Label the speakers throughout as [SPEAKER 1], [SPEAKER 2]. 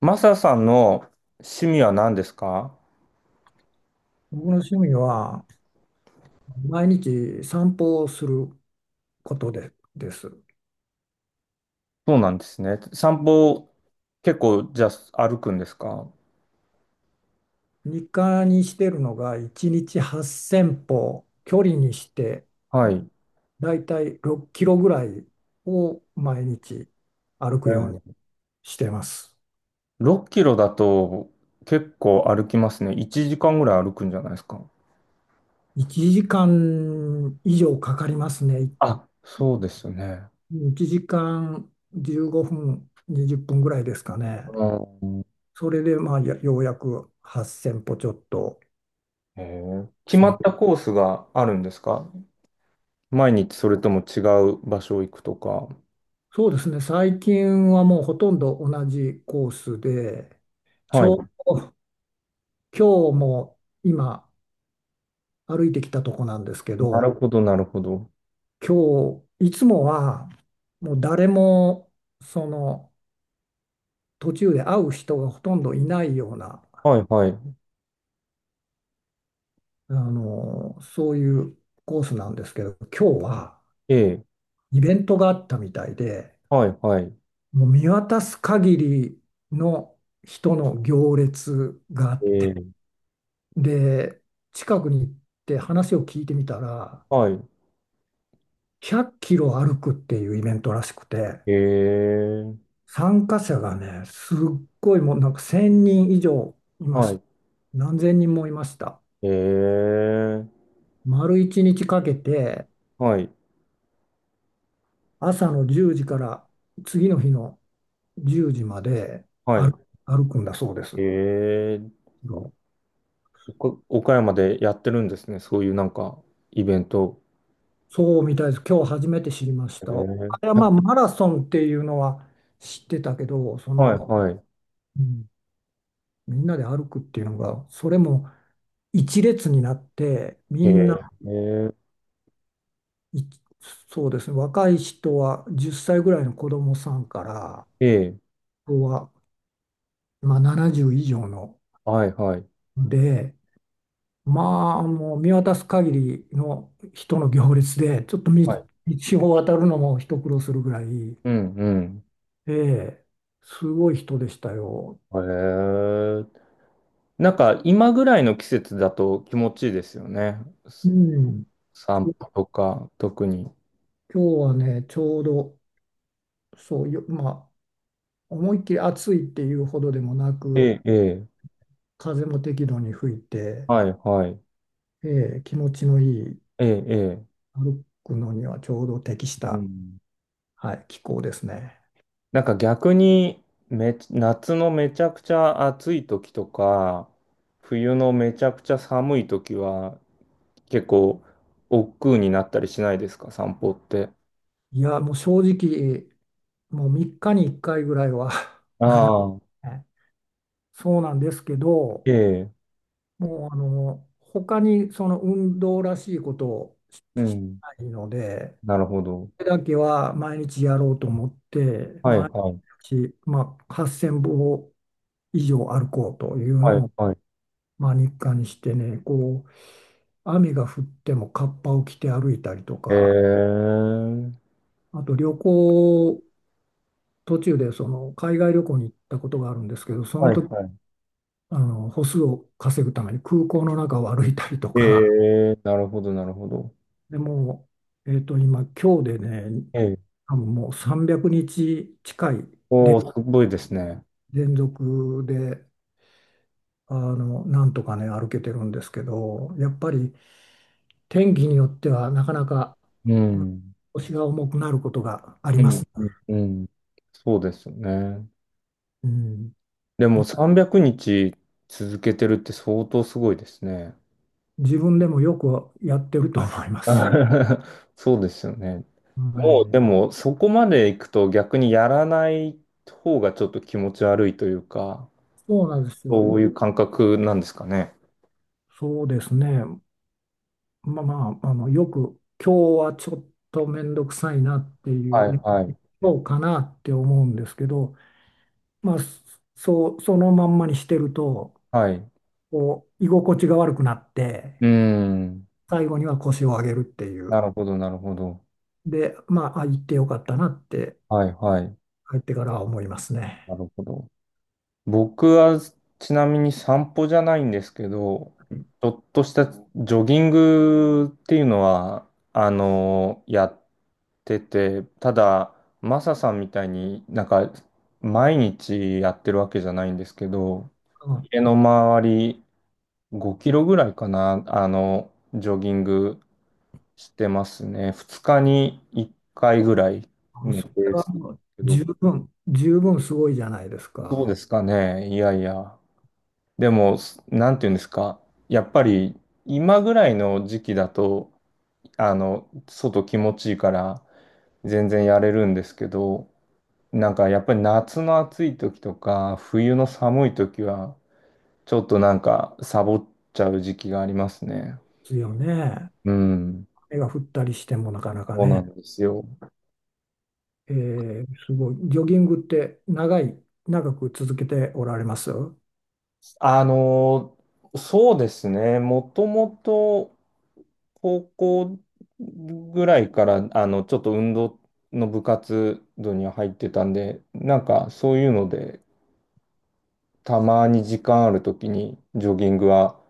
[SPEAKER 1] マサさんの趣味は何ですか？
[SPEAKER 2] 僕の趣味は毎日散歩をすることで、です。
[SPEAKER 1] そうなんですね。散歩、結構、じゃあ歩くんですか？
[SPEAKER 2] 日課にしてるのが1日8000歩、距離にして
[SPEAKER 1] はい。
[SPEAKER 2] だいたい6キロぐらいを毎日歩
[SPEAKER 1] え
[SPEAKER 2] くように
[SPEAKER 1] ー。
[SPEAKER 2] してます。
[SPEAKER 1] 6キロだと結構歩きますね。1時間ぐらい歩くんじゃないですか？
[SPEAKER 2] 1時間以上かかりますね。
[SPEAKER 1] あ、そうですよね。
[SPEAKER 2] 1時間15分、20分ぐらいですかね。
[SPEAKER 1] うん。
[SPEAKER 2] それでまあようやく8000歩ちょっと
[SPEAKER 1] へー。
[SPEAKER 2] で
[SPEAKER 1] 決
[SPEAKER 2] す
[SPEAKER 1] まっ
[SPEAKER 2] ね。
[SPEAKER 1] たコースがあるんですか？毎日それとも違う場所行くとか。
[SPEAKER 2] そうですね、最近はもうほとんど同じコースで、ち
[SPEAKER 1] はい。
[SPEAKER 2] ょ、今日も今歩いてきたとこなんですけ
[SPEAKER 1] なる
[SPEAKER 2] ど、
[SPEAKER 1] ほど、なるほど。
[SPEAKER 2] 今日、いつもはもう誰もその途中で会う人がほとんどいないような、
[SPEAKER 1] はいはい。
[SPEAKER 2] あの、そういうコースなんですけど、今日は
[SPEAKER 1] ええ。
[SPEAKER 2] イベントがあったみたいで、
[SPEAKER 1] はいはい。
[SPEAKER 2] もう見渡す限りの人の行列が
[SPEAKER 1] ええ。
[SPEAKER 2] で、近くに行って話を聞いてみたら、
[SPEAKER 1] はい。
[SPEAKER 2] 100キロ歩くっていうイベントらしくて、
[SPEAKER 1] ええ。
[SPEAKER 2] 参加者がね、すっごいもうなんか1000人以上いま
[SPEAKER 1] は
[SPEAKER 2] した。
[SPEAKER 1] い。
[SPEAKER 2] 何千人もいました。
[SPEAKER 1] ええ、
[SPEAKER 2] 丸1日かけて、
[SPEAKER 1] はい、
[SPEAKER 2] 朝の10時から次の日の10時まで
[SPEAKER 1] はい。
[SPEAKER 2] 歩、歩くんだそうです。
[SPEAKER 1] ええ、岡山でやってるんですね。そういうなんか、イベント。
[SPEAKER 2] そうみたいです。今日初めて知りまし
[SPEAKER 1] え
[SPEAKER 2] た。あれはまあ
[SPEAKER 1] え、
[SPEAKER 2] マラソンっていうのは知ってたけど、そ
[SPEAKER 1] はい、
[SPEAKER 2] の、
[SPEAKER 1] はい。
[SPEAKER 2] うん、みんなで歩くっていうのが、それも一列になって、み
[SPEAKER 1] え
[SPEAKER 2] ん
[SPEAKER 1] え、
[SPEAKER 2] な、いそうですね、若い人は10歳ぐらいの子供さんから、あ
[SPEAKER 1] ええ、
[SPEAKER 2] とは、まあ、70以上の
[SPEAKER 1] はい、はい。
[SPEAKER 2] で、まあ、もう見渡す限りの人の行列で、ちょっと
[SPEAKER 1] はい。
[SPEAKER 2] 道を渡るのも一苦労するぐらい、
[SPEAKER 1] うん、うん。
[SPEAKER 2] ええ、すごい人でしたよ。
[SPEAKER 1] ええ、なんか、今ぐらいの季節だと気持ちいいですよね。
[SPEAKER 2] う
[SPEAKER 1] す
[SPEAKER 2] ん、
[SPEAKER 1] 散歩とか、特に。
[SPEAKER 2] 今日はね、ちょうど、そうよ、まあ、思いっきり暑いっていうほどでもなく、
[SPEAKER 1] ええ、ええ、
[SPEAKER 2] 風も適度に吹いて、
[SPEAKER 1] はい、はい。
[SPEAKER 2] 気持ちのいい、
[SPEAKER 1] ええ、ええ。
[SPEAKER 2] 歩くのにはちょうど適し
[SPEAKER 1] う
[SPEAKER 2] た、
[SPEAKER 1] ん。
[SPEAKER 2] はい、気候ですね。
[SPEAKER 1] なんか逆に夏のめちゃくちゃ暑い時とか、冬のめちゃくちゃ寒い時は、結構、億劫になったりしないですか、散歩って。
[SPEAKER 2] いや、もう正直、もう3日に1回ぐらいは
[SPEAKER 1] ああ、
[SPEAKER 2] ね、そうなんですけど、
[SPEAKER 1] ええ、
[SPEAKER 2] もう、あの、他にその運動らしいことをし
[SPEAKER 1] う
[SPEAKER 2] し
[SPEAKER 1] ん、
[SPEAKER 2] ないので、
[SPEAKER 1] なるほど。
[SPEAKER 2] これだけは毎日やろうと思って、
[SPEAKER 1] はい
[SPEAKER 2] 毎
[SPEAKER 1] はい、
[SPEAKER 2] 日、まあ、8000歩以上歩こうという
[SPEAKER 1] はい
[SPEAKER 2] のを、
[SPEAKER 1] はい。
[SPEAKER 2] まあ、日課にしてね、こう、雨が降ってもカッパを着て歩いたりと
[SPEAKER 1] え
[SPEAKER 2] か、
[SPEAKER 1] え、
[SPEAKER 2] あと旅行、途中でその海外旅行に行ったことがあるんですけど、そ
[SPEAKER 1] は
[SPEAKER 2] の
[SPEAKER 1] い
[SPEAKER 2] 時、
[SPEAKER 1] は
[SPEAKER 2] あの、歩数を稼ぐために空港の中を歩いたりと
[SPEAKER 1] い。
[SPEAKER 2] か、
[SPEAKER 1] ええ、なるほど、なるほど。
[SPEAKER 2] でもう、今日でね、
[SPEAKER 1] ええ、
[SPEAKER 2] 多分もう300日近い
[SPEAKER 1] おお、
[SPEAKER 2] で
[SPEAKER 1] すごいですね。
[SPEAKER 2] 連続で、あの、なんとかね、歩けてるんですけど、やっぱり天気によってはなかなか
[SPEAKER 1] う
[SPEAKER 2] うん
[SPEAKER 1] ん、
[SPEAKER 2] 腰が重くなることがあり
[SPEAKER 1] う
[SPEAKER 2] ます
[SPEAKER 1] ん、
[SPEAKER 2] ね。
[SPEAKER 1] うん、うん。そうですよね。
[SPEAKER 2] うん。
[SPEAKER 1] でも300日続けてるって相当すごいですね。
[SPEAKER 2] 自分でもよくやってると思います。
[SPEAKER 1] そうですよね。
[SPEAKER 2] は
[SPEAKER 1] もうで
[SPEAKER 2] い、
[SPEAKER 1] もそこまで行くと逆にやらない方がちょっと気持ち悪いというか、
[SPEAKER 2] そうなんですよ。
[SPEAKER 1] そういう感覚なんですかね。
[SPEAKER 2] そうですね。まあまあ、あの、よく今日はちょっと面倒くさいなってい
[SPEAKER 1] は
[SPEAKER 2] う、
[SPEAKER 1] い
[SPEAKER 2] いや、
[SPEAKER 1] はい。
[SPEAKER 2] そうかなって思うんですけど、まあ、そう、そのまんまにしてると、
[SPEAKER 1] はい。う
[SPEAKER 2] こう、居心地が悪くなっ
[SPEAKER 1] ー
[SPEAKER 2] て、
[SPEAKER 1] ん。
[SPEAKER 2] 最後には腰を上げるってい
[SPEAKER 1] な
[SPEAKER 2] う。
[SPEAKER 1] るほどなるほど。
[SPEAKER 2] で、まあ、あ、行ってよかったなって、
[SPEAKER 1] はいはい。
[SPEAKER 2] 帰ってからは思います
[SPEAKER 1] な
[SPEAKER 2] ね。
[SPEAKER 1] るほど。僕はちなみに散歩じゃないんですけど、ちょっとしたジョギングっていうのは、やってて、ただ、マサさんみたいになんか毎日やってるわけじゃないんですけど、
[SPEAKER 2] うん、
[SPEAKER 1] 家の周り5キロぐらいかな、ジョギングしてますね。2日に1回ぐらい
[SPEAKER 2] あ、
[SPEAKER 1] のペ
[SPEAKER 2] それ
[SPEAKER 1] ースで
[SPEAKER 2] は
[SPEAKER 1] す
[SPEAKER 2] もう
[SPEAKER 1] け
[SPEAKER 2] 十
[SPEAKER 1] ど、
[SPEAKER 2] 分、十分すごいじゃないです
[SPEAKER 1] そうで
[SPEAKER 2] か。
[SPEAKER 1] すかね。いやいや。でも、なんていうんですか。やっぱり今ぐらいの時期だと、外気持ちいいから全然やれるんですけど、なんかやっぱり夏の暑い時とか冬の寒い時はちょっとなんかサボっちゃう時期がありますね。
[SPEAKER 2] ですよね。
[SPEAKER 1] うん。
[SPEAKER 2] 雨が降ったりしてもなかなか
[SPEAKER 1] そうな
[SPEAKER 2] ね。
[SPEAKER 1] んですよ。
[SPEAKER 2] すごい。ジョギングって長く続けておられますあ、
[SPEAKER 1] あのそうですね。もともと高校ぐらいからちょっと運動の部活動には入ってたんで、なんかそういうのでたまに時間ある時にジョギングは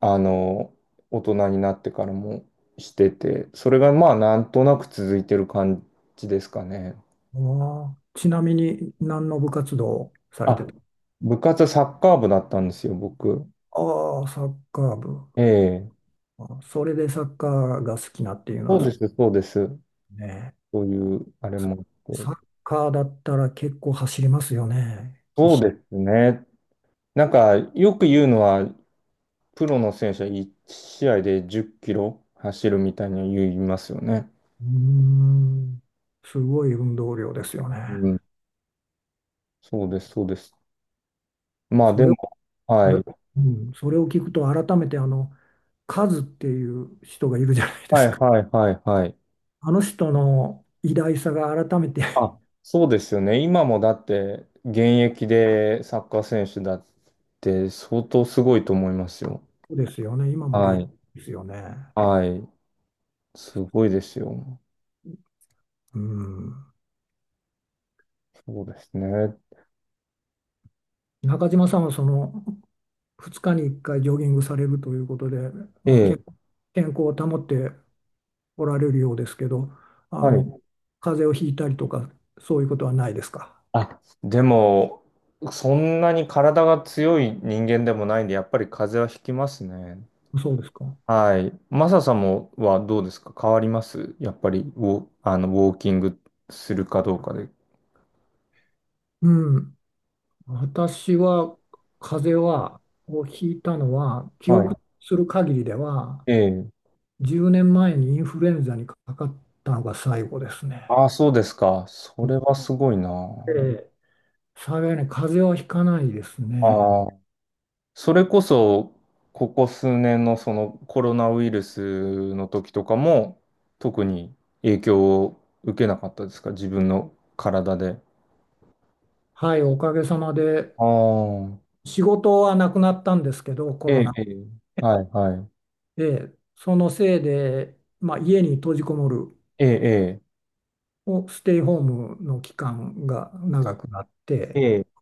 [SPEAKER 1] あの、大人になってからもしてて、それがまあなんとなく続いてる感じですかね。
[SPEAKER 2] あ、ちなみに何の部活動をされ
[SPEAKER 1] あ、
[SPEAKER 2] てた、
[SPEAKER 1] 部活はサッカー部だったんですよ、僕。
[SPEAKER 2] ああ、サッカー部。
[SPEAKER 1] ええ。
[SPEAKER 2] あ、それでサッカーが好きなっていうの
[SPEAKER 1] そ
[SPEAKER 2] は
[SPEAKER 1] うで
[SPEAKER 2] そ
[SPEAKER 1] す、そうです。
[SPEAKER 2] うね。
[SPEAKER 1] そういう、あれ
[SPEAKER 2] そ
[SPEAKER 1] もあっ
[SPEAKER 2] サッ
[SPEAKER 1] て。
[SPEAKER 2] カーだったら結構走りますよね。
[SPEAKER 1] そうですね。なんか、よく言うのは、プロの選手は1試合で10キロ走るみたいに言いますよね。
[SPEAKER 2] うーん、すごい運動量ですよ
[SPEAKER 1] う
[SPEAKER 2] ね。
[SPEAKER 1] ん。そうです、そうです。まあ、
[SPEAKER 2] そ
[SPEAKER 1] で
[SPEAKER 2] れ
[SPEAKER 1] も、
[SPEAKER 2] をそ
[SPEAKER 1] は
[SPEAKER 2] れ、
[SPEAKER 1] い。
[SPEAKER 2] うん、それを聞くと改めて、あの、カズっていう人がいるじゃないで
[SPEAKER 1] はい、
[SPEAKER 2] すか。
[SPEAKER 1] はい、はい、はい。
[SPEAKER 2] あの人の偉大さが改めて
[SPEAKER 1] あ、そうですよね。今もだって現役でサッカー選手だって相当すごいと思いますよ。
[SPEAKER 2] そうですよね。今も現
[SPEAKER 1] は
[SPEAKER 2] 役
[SPEAKER 1] い。
[SPEAKER 2] ですよね。
[SPEAKER 1] はい。すごいですよ。
[SPEAKER 2] うん。
[SPEAKER 1] そうですね。
[SPEAKER 2] 中島さんはその2日に1回ジョギングされるということで、
[SPEAKER 1] え
[SPEAKER 2] まあ、
[SPEAKER 1] え。
[SPEAKER 2] 健康を保っておられるようですけど、あ
[SPEAKER 1] は
[SPEAKER 2] の、
[SPEAKER 1] い。
[SPEAKER 2] 風邪をひいたりとかそういうことはないですか。
[SPEAKER 1] あ、でも、そんなに体が強い人間でもないんで、やっぱり風邪はひきますね。
[SPEAKER 2] そうですか。
[SPEAKER 1] はい。マサさんもはどうですか？変わりますやっぱりウォーキングするかどうかで。
[SPEAKER 2] うん。私は風邪をひいたのは記
[SPEAKER 1] はい。
[SPEAKER 2] 憶する限りでは
[SPEAKER 1] ええ。
[SPEAKER 2] 10年前にインフルエンザにかかったのが最後ですね。
[SPEAKER 1] ああ、そうですか。そ
[SPEAKER 2] う
[SPEAKER 1] れ
[SPEAKER 2] ん。
[SPEAKER 1] はすごいな。
[SPEAKER 2] で、幸いに風邪はひかないですね。
[SPEAKER 1] ああ、それこそ、ここ数年のそのコロナウイルスの時とかも、特に影響を受けなかったですか？自分の体で。
[SPEAKER 2] はい、おかげさまで
[SPEAKER 1] ああ、
[SPEAKER 2] 仕事はなくなったんですけど、コ
[SPEAKER 1] え
[SPEAKER 2] ロ
[SPEAKER 1] え、
[SPEAKER 2] ナ
[SPEAKER 1] ええ、はい、はい。
[SPEAKER 2] で、そのせいで、まあ、家に閉じこもる
[SPEAKER 1] ええ、
[SPEAKER 2] ステイホームの期間が長くなっ
[SPEAKER 1] え
[SPEAKER 2] て、
[SPEAKER 1] え、ええ、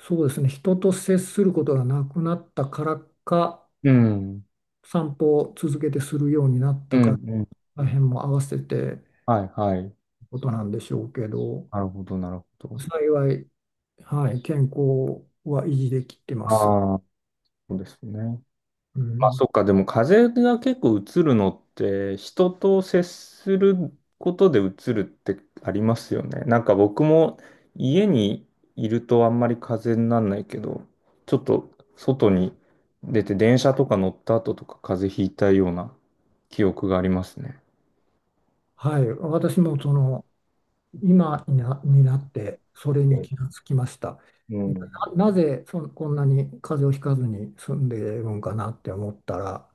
[SPEAKER 2] そうですね、人と接することがなくなったからか、
[SPEAKER 1] うん、
[SPEAKER 2] 散歩を続けてするようになっ
[SPEAKER 1] う
[SPEAKER 2] た
[SPEAKER 1] ん、う
[SPEAKER 2] から、
[SPEAKER 1] ん。
[SPEAKER 2] 大変も合わせて
[SPEAKER 1] はい、はい。
[SPEAKER 2] ことなんでしょうけど、
[SPEAKER 1] なるほど、なるほど。
[SPEAKER 2] 幸い、はい、健康は維持できてます。
[SPEAKER 1] ああ、そうですね。
[SPEAKER 2] う
[SPEAKER 1] まあ
[SPEAKER 2] ん、
[SPEAKER 1] そっか、でも風邪が結構うつるのって人と接することでうつるってありますよね。なんか僕も家にいるとあんまり風邪にならないけど、ちょっと外に出て電車とか乗った後とか風邪ひいたような記憶がありますね。
[SPEAKER 2] はい、私もその今にになってそれに
[SPEAKER 1] え、
[SPEAKER 2] 気がつきました。
[SPEAKER 1] うん。
[SPEAKER 2] なぜこんなに風邪をひかずに済んでいるんかなって思ったら、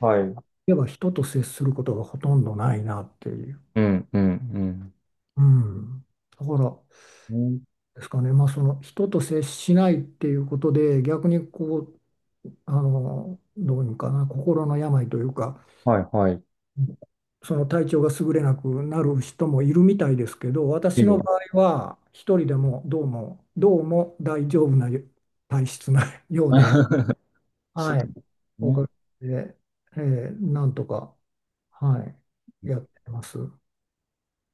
[SPEAKER 1] はい。うん、
[SPEAKER 2] やっぱ人と接することがほとんどないなっていう。
[SPEAKER 1] うん、うん。
[SPEAKER 2] うん。だから
[SPEAKER 1] うん。
[SPEAKER 2] ですかね、まあ、その人と接しないっていうことで逆にこう、あの、どういうのかな、心の病というか、
[SPEAKER 1] はいはい。
[SPEAKER 2] その、体調が優れなくなる人もいるみたいですけど、
[SPEAKER 1] え
[SPEAKER 2] 私の場
[SPEAKER 1] え
[SPEAKER 2] 合は一人でもどうもどうも大丈夫な体質なようで、
[SPEAKER 1] そ
[SPEAKER 2] はい、
[SPEAKER 1] う
[SPEAKER 2] おか
[SPEAKER 1] ね
[SPEAKER 2] げで、なんとか、はい、やってます。